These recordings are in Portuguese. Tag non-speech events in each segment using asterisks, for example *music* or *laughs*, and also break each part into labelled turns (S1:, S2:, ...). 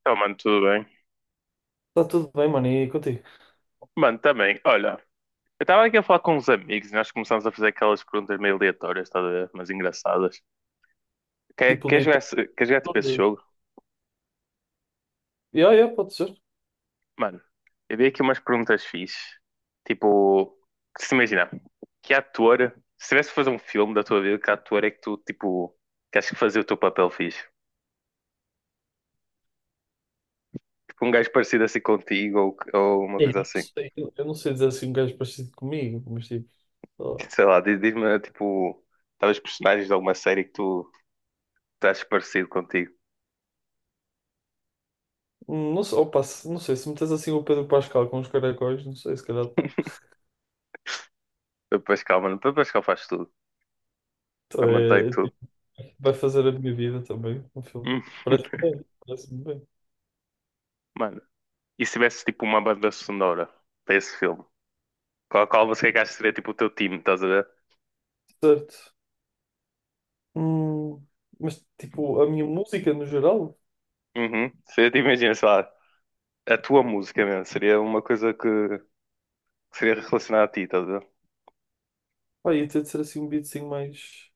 S1: Então, mano, tudo bem?
S2: Está tudo bem, mano, e contigo?
S1: Mano, também, olha, eu estava aqui a falar com uns amigos e nós começámos a fazer aquelas perguntas meio aleatórias, estás a ver? Mas engraçadas. Quer,
S2: Tipo
S1: quer
S2: de
S1: jogar, esse- quer jogar tipo esse
S2: hipótese.
S1: jogo?
S2: Yeah, yeah, pode ser.
S1: Mano, eu vi aqui umas perguntas fixes. Tipo, se imagina, que ator, se tivesse que fazer um filme da tua vida, que ator é que tu, tipo, que achas que fazia o teu papel fixe? Tipo, um gajo parecido assim contigo ou, uma
S2: Eu
S1: coisa
S2: não
S1: assim.
S2: sei, eu não sei dizer assim um gajo parecido comigo, mas tipo. só-
S1: Sei lá, diz-me, tipo, talvez personagens de alguma série que tu achas parecido contigo.
S2: Não sei, opa, não sei, se metes assim o Pedro Pascal com os caracóis, não sei, se calhar está.
S1: O Pascal, mano. O Pascal faz tudo.
S2: Então,
S1: Ele mantém
S2: é
S1: tudo.
S2: tipo,
S1: *laughs*
S2: vai fazer a minha vida também, um filme.
S1: Hum.
S2: Parece-me bem, parece-me bem.
S1: Mano, e se tivesse tipo uma banda sonora para esse filme? Qual você acha que seria tipo o teu time, estás a ver?
S2: Certo. Hum, mas tipo, a minha música no geral,
S1: Uhum. Seria, tipo, imagina, sei lá, a tua música mesmo. Seria uma coisa que seria relacionada a ti, estás a ver?
S2: pá, ia ter de ser assim um beatzinho mais,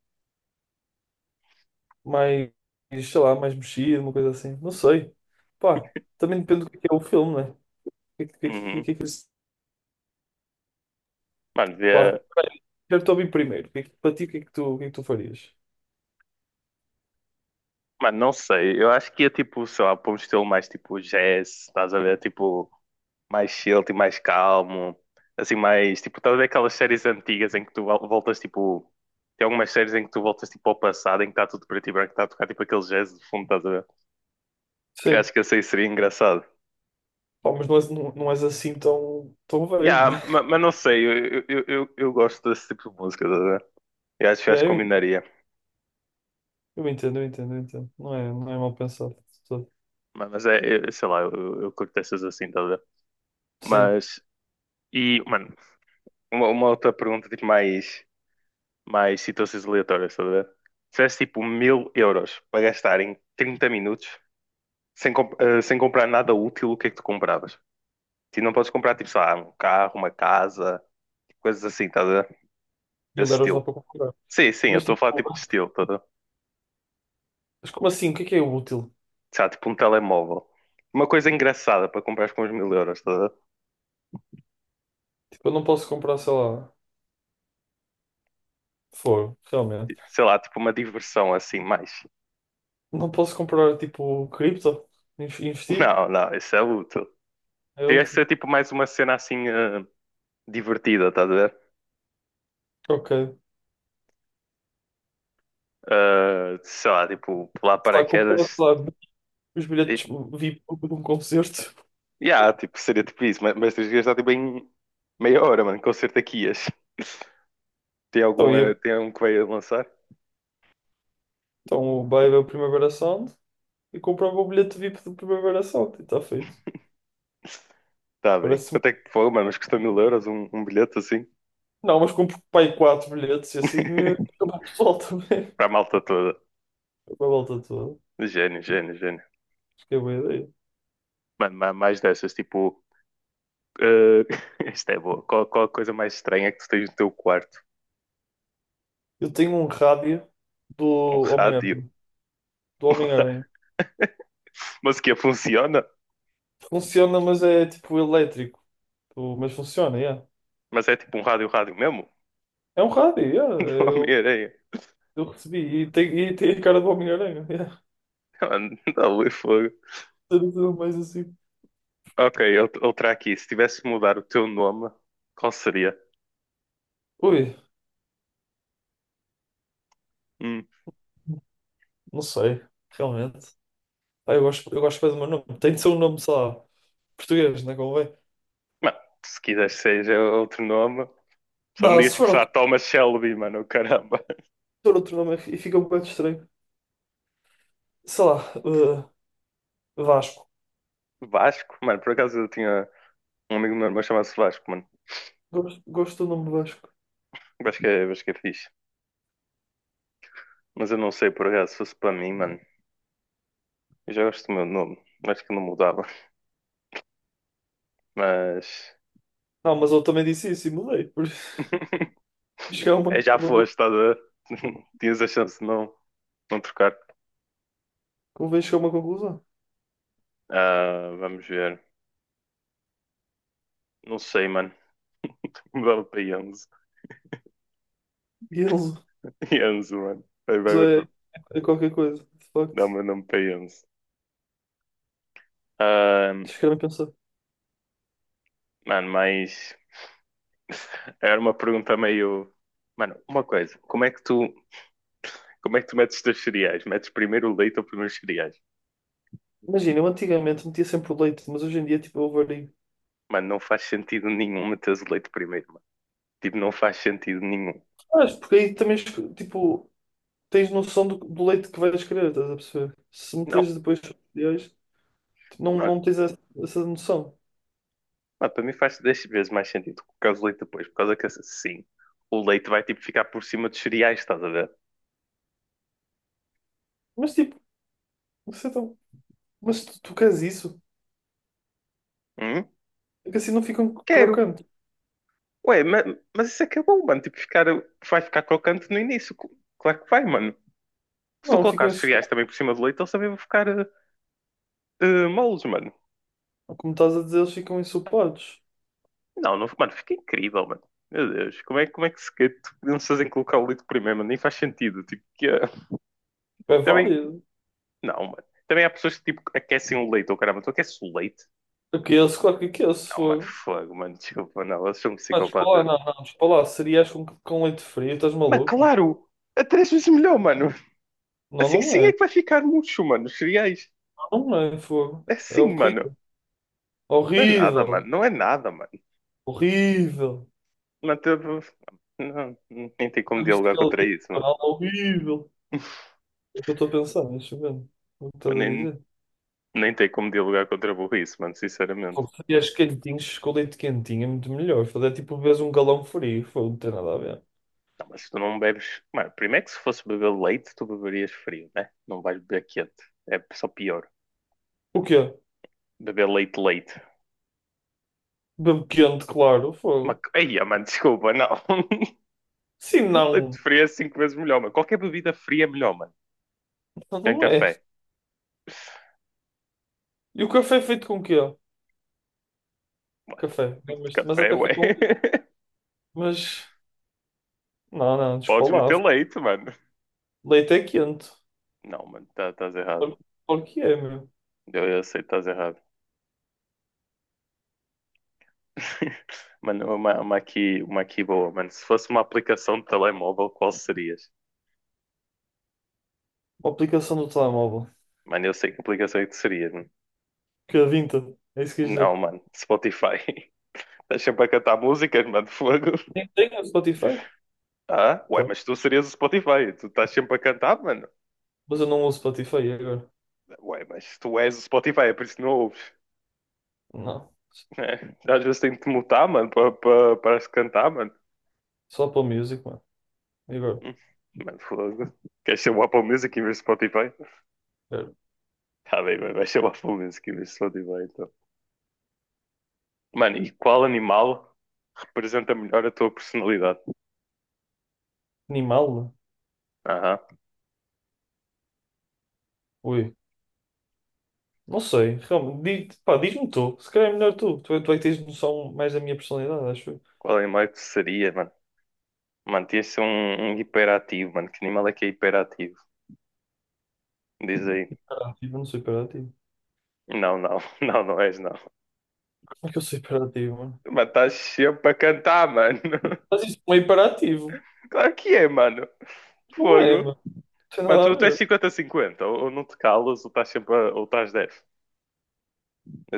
S2: mais, sei lá, mais mexido, uma coisa assim. Não sei. Pá, também depende do que é o filme, né? que, que, que,
S1: Uhum.
S2: que, que,
S1: Mano,
S2: pá,
S1: via...
S2: eu estou bem primeiro. Para ti, o que é que tu, o que é que tu farias?
S1: Mano, não sei. Eu acho que ia tipo, sei lá, para um estilo mais tipo jazz, estás a ver? Tipo, mais chill, tipo, mais calmo, assim, mais, tipo, estás a ver aquelas séries antigas em que tu voltas, tipo, tem algumas séries em que tu voltas, tipo, ao passado, em que está tudo preto e branco, está a tocar, tipo, aquele jazz de fundo, estás a ver? Eu
S2: Sim,
S1: acho que assim seria engraçado.
S2: pá, mas não és, não és assim tão, tão velho, né?
S1: Yeah, mas,
S2: *laughs*
S1: não sei, eu gosto desse tipo de música, estás a ver?
S2: É,
S1: Eu acho que
S2: eu, en-
S1: combinaria.
S2: eu entendo, eu entendo, eu entendo. Não é, não é mal pensado. Só-
S1: Mas, sei lá, eu curto essas assim, estás a ver?
S2: Sim,
S1: Mas, e, mano, uma outra pergunta, tipo, mais situações aleatórias, estás a ver? Se tivesse, tipo, 1000 euros para gastar em 30 minutos. Sem comprar nada útil, o que é que tu compravas? Tu não podes comprar, tipo, sei lá, um carro, uma casa, coisas assim, tá, a ver?
S2: mil
S1: Desse
S2: euros não dá
S1: estilo.
S2: para comprar.
S1: Sim, sim, eu
S2: Mas
S1: estou a
S2: tipo,
S1: falar tipo de estilo, tá, a ver?
S2: mas como assim? O que é útil?
S1: Sei lá, tipo um telemóvel. Uma coisa engraçada para comprar com os 1000 euros, tá, a ver?
S2: Tipo, eu não posso comprar, sei lá, foro,
S1: Tipo,
S2: realmente.
S1: sei lá, tipo uma diversão assim, mais.
S2: Não posso comprar, tipo, cripto,
S1: *laughs*
S2: investir?
S1: Não, não, isso é útil.
S2: É
S1: Teria que
S2: útil.
S1: ser tipo mais uma cena assim, divertida, estás a ver?
S2: Ok.
S1: Sei lá, tipo, pular
S2: Sei lá, comprar, sei
S1: paraquedas.
S2: lá, os
S1: E-
S2: bilhetes VIP de um concerto.
S1: Yeah, tipo, seria tipo isso, mas, tens que gastar tipo em meia hora, mano, com certeza que ias. Tem algum,
S2: *laughs*
S1: tem um que vai lançar?
S2: Então o vai ver o Primavera Sound e comprava o bilhete VIP do Primavera Sound e está feito.
S1: Tá bem.
S2: Parece-me.
S1: Quanto é que foi, mano? Mas custa 1000 euros um bilhete assim?
S2: Não, mas compro pai quatro bilhetes e assim
S1: *laughs*
S2: acaba o pessoal também.
S1: Para a malta toda.
S2: *laughs* Acaba a volta toda.
S1: Gênio, gênio, gênio.
S2: Acho que é boa ideia.
S1: Mano, mais dessas, tipo. eh, *laughs* Isto é boa. Qual a coisa mais estranha que tu tens no teu quarto?
S2: Eu tenho um rádio do
S1: Um rádio.
S2: Homem-Aranha.
S1: *laughs*
S2: Do
S1: Um ra-
S2: Homem-Aranha.
S1: Mas que funciona?
S2: Funciona, mas é tipo elétrico. Mas funciona, yeah.
S1: Mas é tipo um rádio, rádio mesmo?
S2: É um rádio, yeah.
S1: *laughs* Não Homem-Aranha.
S2: Eu recebi. E tem a cara do Homem-Aranha. Yeah.
S1: Mano, dá ali fogo.
S2: *laughs* Tudo mais assim.
S1: Ok, ele outra aqui. Se tivesse de mudar o teu nome, qual seria?
S2: Ui,
S1: Hum.
S2: não sei. Realmente. Pá, eu gosto bem do meu nome. Tem de ser um nome, sei lá, português, não é?
S1: Mano, se quiseres seja outro nome, só me
S2: Não,
S1: digas
S2: se
S1: tipo,
S2: for
S1: sei lá,
S2: outro,
S1: Thomas Shelby, mano, caramba.
S2: se for outro nome e fica um bocado estranho. Sei lá, eh, Vasco.
S1: Vasco, mano, por acaso eu tinha um amigo meu, mas chamava-se Vasco, mano.
S2: Gosto, gosto do nome Vasco.
S1: Eu acho que, é, eu acho que é fixe. Mas eu não sei, por acaso, se fosse para mim, mano. Eu já gosto do meu nome, acho que não mudava. Mas.
S2: Não, mas eu também disse isso e mudei. Por isso,
S1: *laughs*
S2: *laughs* chegar a
S1: É, já
S2: uma,
S1: foste, estás a. *laughs* Tinhas a chance de não, não trocar.
S2: convém chegar a uma conclusão.
S1: Ah, vamos ver. Não sei, mano. *laughs* Mudava para Enzo.
S2: E eles
S1: Enzo, *laughs* mano. Vai, vai, vai.
S2: é, é qualquer coisa, de
S1: Dá o
S2: facto.
S1: meu nome para Enzo. Ah,
S2: Chegaram a pensar.
S1: mano, mas. Era uma pergunta meio. Mano, uma coisa, como é que tu metes os teus cereais? Metes primeiro o leite ou primeiro os cereais?
S2: Imagina, eu antigamente metia sempre o leite, mas hoje em dia tipo, eu vario.
S1: Mano, não faz sentido nenhum meteres o leite primeiro, mano. Tipo, não faz sentido nenhum.
S2: Mas porque aí também tipo, tens noção do, do leite que vais querer, estás a perceber? Se
S1: Não,
S2: meteres depois os cereais, tipo, não,
S1: mano,
S2: não tens essa, essa noção.
S1: para mim faz 10 vezes mais sentido colocar o leite depois, por causa que assim, o leite vai tipo ficar por cima dos cereais, estás a ver?
S2: Mas tipo, você tá- mas tu, tu queres isso?
S1: Hum?
S2: É que assim não ficam
S1: Quero.
S2: crocantes.
S1: Ué, mas, isso é que é bom, mano. Tipo, ficar, vai ficar crocante no início. Claro que vai, mano. Se tu
S2: Não,
S1: colocar
S2: ficam
S1: os cereais
S2: ensopados.
S1: também por cima do leite, eles também vão ficar, moles, mano.
S2: Como estás a dizer, eles ficam ensopados.
S1: Não, não, mano, fica incrível, mano. Meu Deus, como é que se que não se fazem colocar o leite primeiro, mano? Nem faz sentido. Tipo, *laughs*
S2: É
S1: também,
S2: válido.
S1: não, mano. Também há pessoas que tipo, aquecem o leite, ou caramba, tu aqueces o leite?
S2: Aqueles, claro que aqueles, se
S1: Não, mano,
S2: for.
S1: fogo, mano, desculpa, não, elas são
S2: Mas despa lá,
S1: psicopatas.
S2: não, despa lá. Cereais com leite frio, estás
S1: Mas
S2: maluco?
S1: claro, é 3 vezes melhor, mano.
S2: Não,
S1: Assim
S2: não
S1: sim é
S2: é.
S1: que vai ficar murcho, mano, os cereais.
S2: Não, não é, fogo.
S1: É
S2: É
S1: assim, mano.
S2: horrível.
S1: Não é nada, mano,
S2: Horrível.
S1: não é nada, mano.
S2: Horrível.
S1: Mas, tipo, não, nem tem como
S2: Nunca viste
S1: dialogar
S2: aquele
S1: contra
S2: tipo
S1: isso,
S2: de
S1: mano.
S2: canal horrível.
S1: *laughs*
S2: É o que eu estou a pensar, mas vendo. O que estás
S1: Mas
S2: a dizer?
S1: nem tem como dialogar contra a burrice, mano, sinceramente.
S2: Fogo, cereais quentinhos com leite quentinho é muito melhor. Fogo, é tipo, vês um galão frio. Fogo, não tem nada a ver.
S1: Não, mas tu não bebes. Mano, primeiro que se fosse beber leite, tu beberias frio, né? Não vais beber quente. É só pior.
S2: O quê?
S1: Beber leite, leite.
S2: Bem quente, claro,
S1: Mas...
S2: fogo.
S1: Ai, ah, mano, desculpa, não. *laughs*
S2: Sim,
S1: Leite
S2: não.
S1: frio é 5 vezes melhor, mano. Qualquer bebida fria é melhor, mano. Tem
S2: Não é.
S1: café.
S2: E o café é feito com o quê?
S1: Mano,
S2: Café. Mas há
S1: café,
S2: café
S1: ué.
S2: com leite.
S1: *laughs*
S2: Mas. Não,
S1: Podes meter
S2: despalavra.
S1: leite, mano.
S2: Leite é quente.
S1: Não, mano, estás errado.
S2: Claro claro que é, meu.
S1: Eu sei que estás errado. *laughs* Mano, uma aqui boa, mano. Se fosse uma aplicação de telemóvel, qual serias?
S2: Uma aplicação do telemóvel.
S1: Mano, eu sei que aplicação é que serias, mano.
S2: Que é Vinta. É isso que quis dizer.
S1: Não, mano. Spotify. *laughs* Estás sempre a cantar músicas, mano. Fogo.
S2: Tem, tem o Spotify?
S1: Ah, ué,
S2: Tá.
S1: mas tu serias o Spotify. Tu estás sempre a cantar, mano.
S2: Mas eu não uso Spotify agora.
S1: Ué, mas tu és o Spotify, é por isso que não ouves,
S2: Não.
S1: né? Às vezes tenho de te mutar, mano, para se cantar, mano.
S2: Só para Music, mano. E agora?
S1: Hum, Mano, fogo. Queres ser o Apple Music em vez de Spotify?
S2: É,
S1: Tá bem, mano. Vais ser o Apple Music em vez de Spotify, então. Mano, e qual animal representa melhor a tua personalidade?
S2: Animal?
S1: Aham.
S2: Ui. Não sei. Realmente. Diz, pá, diz-me tu. Se calhar é melhor tu. Tu é que tens noção mais da minha personalidade, acho eu.
S1: Qual animal é que tu seria, mano? Mano, tinha de ser um hiperativo, mano. Que animal é que é hiperativo? Diz aí.
S2: Hiperativo, eu não sou hiperativo.
S1: Não, não, *laughs* não, não és, não.
S2: Como é que eu sou hiperativo, mano?
S1: Mas estás sempre a cantar, mano. *laughs*
S2: Mas isso não é hiperativo.
S1: Claro que é, mano.
S2: Não é,
S1: Fogo.
S2: mano. Não tem
S1: Mano,
S2: nada a
S1: tu és
S2: ver.
S1: 50-50. Ou, não te calas, ou estás sempre a, ou estás dez.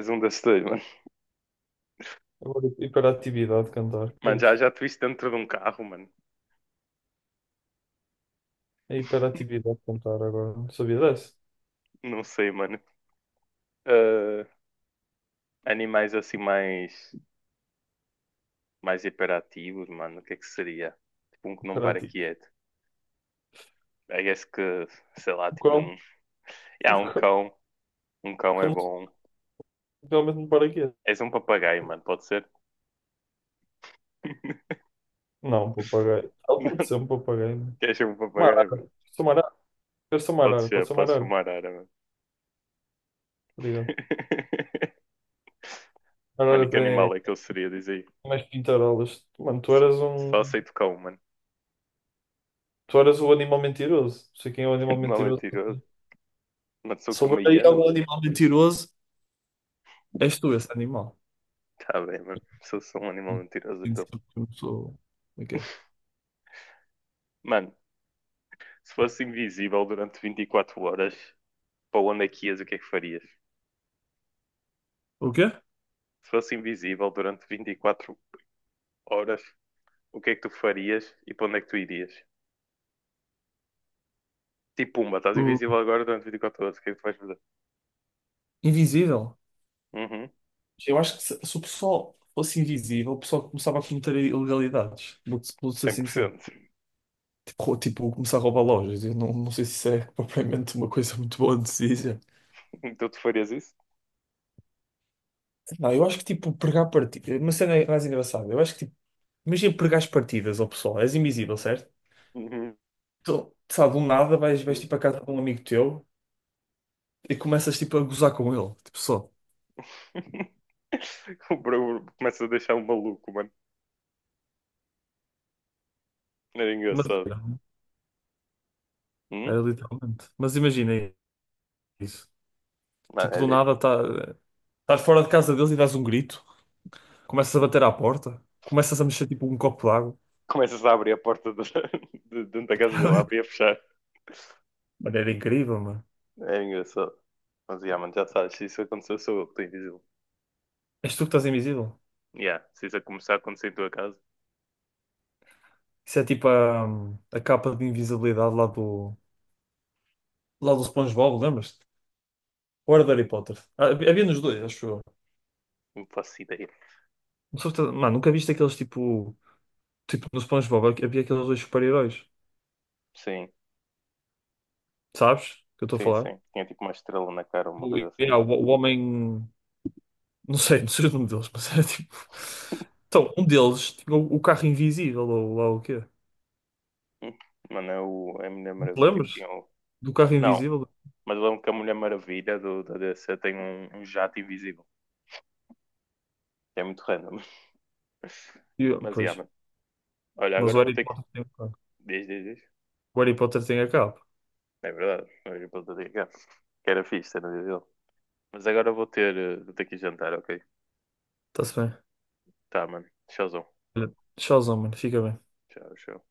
S1: És um desses dois, mano.
S2: Agora, hiperatividade cantar. Que é
S1: Mano,
S2: isto?
S1: já te viste dentro de um carro, mano.
S2: É hiperatividade cantar agora. Não sabia dessa?
S1: Não sei, mano. Ah, animais assim mais, hiperativos, mano. O que é que seria? Tipo um que não para
S2: Hiperativo.
S1: quieto. I guess que, sei lá,
S2: Um
S1: tipo
S2: cão.
S1: um. Ah,
S2: Um
S1: um
S2: cão.
S1: cão. Um cão é
S2: Cão não-
S1: bom.
S2: Realmente um paraquedas.
S1: És um papagaio, mano, pode ser? *laughs*
S2: Não, um papagaio. Ela
S1: Não,
S2: pode ser um papagaio. Né?
S1: queres ser um
S2: Uma
S1: papagaio, mano?
S2: arara. Sou uma arara. Eu sou uma
S1: Pode
S2: arara.
S1: ser,
S2: Pode ser uma
S1: podes ser
S2: arara.
S1: uma arara, mano.
S2: Obrigado.
S1: *laughs* Mano, e
S2: Arara
S1: que
S2: tem
S1: animal é que eu seria? Diz aí.
S2: mais pintarolas. Mano, tu
S1: Só,
S2: eras um...
S1: só aceito cão, mano.
S2: Tu eras o animal mentiroso. Não sei quem é o
S1: *laughs*
S2: animal
S1: Animal
S2: mentiroso.
S1: mentiroso. Mano, sou
S2: Se
S1: que
S2: houver
S1: uma
S2: aí
S1: hiena,
S2: algum
S1: mano.
S2: animal mentiroso, és tu esse animal.
S1: Tá bem, mano. Sou um animal mentiroso,
S2: Tem de
S1: então.
S2: ser eu sou. Como é que é?
S1: Mano, se fosse invisível durante 24 horas, para onde é que ias? O que é que farias?
S2: O quê?
S1: Se fosse invisível durante 24 horas, o que é que tu farias e para onde é que tu irias? Tipo, pumba, estás invisível
S2: O...
S1: agora durante 24 horas, o que é que tu vais fazer?
S2: Invisível.
S1: Uhum,
S2: Eu acho que se o pessoal fosse invisível, o pessoal começava a cometer ilegalidades. Vou-te ser
S1: cem por
S2: sincero.
S1: cento.
S2: Tipo, tipo, começar a roubar lojas. Eu não, não sei se isso é *laughs* propriamente uma coisa muito boa de se dizer.
S1: *laughs* Então tu farias isso?
S2: Não, eu acho que tipo, pregar partidas. Uma cena mais engraçada. Eu acho que tipo, imagina pregar as partidas ao pessoal. És invisível, certo?
S1: Uhum.
S2: Então, sabe, do nada vais tipo a casa de um amigo teu e começas tipo a gozar com ele. Tipo, só.
S1: *laughs* O Bro começa a deixar um maluco, mano. Era
S2: Mas
S1: engraçado.
S2: era,
S1: Hum?
S2: era literalmente. Mas imagina aí. Isso.
S1: Mano,
S2: Tipo,
S1: é
S2: do
S1: de-
S2: nada estás fora de casa deles e dás um grito, começas a bater à porta, começas a mexer tipo um copo d'água.
S1: Começas a abrir a porta *laughs* de dentro da casa dele, a abrir e a fechar.
S2: Mano, era incrível, mano.
S1: Era engraçado. Mas, yeah, mano, já sabes, se isso aconteceu, sou eu que tenho de dizer.
S2: És tu que estás invisível.
S1: Yeah, se isso começar a acontecer em tua casa,
S2: Isso é tipo a capa de invisibilidade lá do SpongeBob, lembras-te? Ou era do Harry Potter? Ah, havia nos dois, acho eu.
S1: não faço ideia.
S2: Mano, nunca viste aqueles tipo, tipo no SpongeBob, havia aqueles dois super-heróis,
S1: Sim,
S2: sabes? O que eu estou a
S1: sim,
S2: falar?
S1: sim. Tinha tipo uma estrela na cara, uma coisa assim.
S2: O homem. Não sei, não sei o nome deles, *laughs* mas era tipo. Então, um deles tinha o carro invisível, ou lá o quê?
S1: Hum? Mano, é a Mulher
S2: Te
S1: Maravilha que
S2: lembras?
S1: tinha o...
S2: Do carro
S1: Não,
S2: invisível?
S1: mas eu lembro que a Mulher Maravilha da DC tem um jato invisível, que é muito random.
S2: E eu,
S1: Mas, yeah,
S2: pois,
S1: mano. Olha,
S2: mas o
S1: agora vou
S2: Harry
S1: ter que.
S2: Potter tem o carro.
S1: Diz, diz, diz.
S2: O Harry Potter tem a capa.
S1: É verdade. Olha, para o dia cá. Que era fixe, era dele. Mas agora vou ter, vou ter que ir jantar, ok?
S2: Está-se bem.
S1: Tá, mano. Tchauzão.
S2: Olha, Tchauzão, mano. Fica bem.
S1: Tchau, tchau.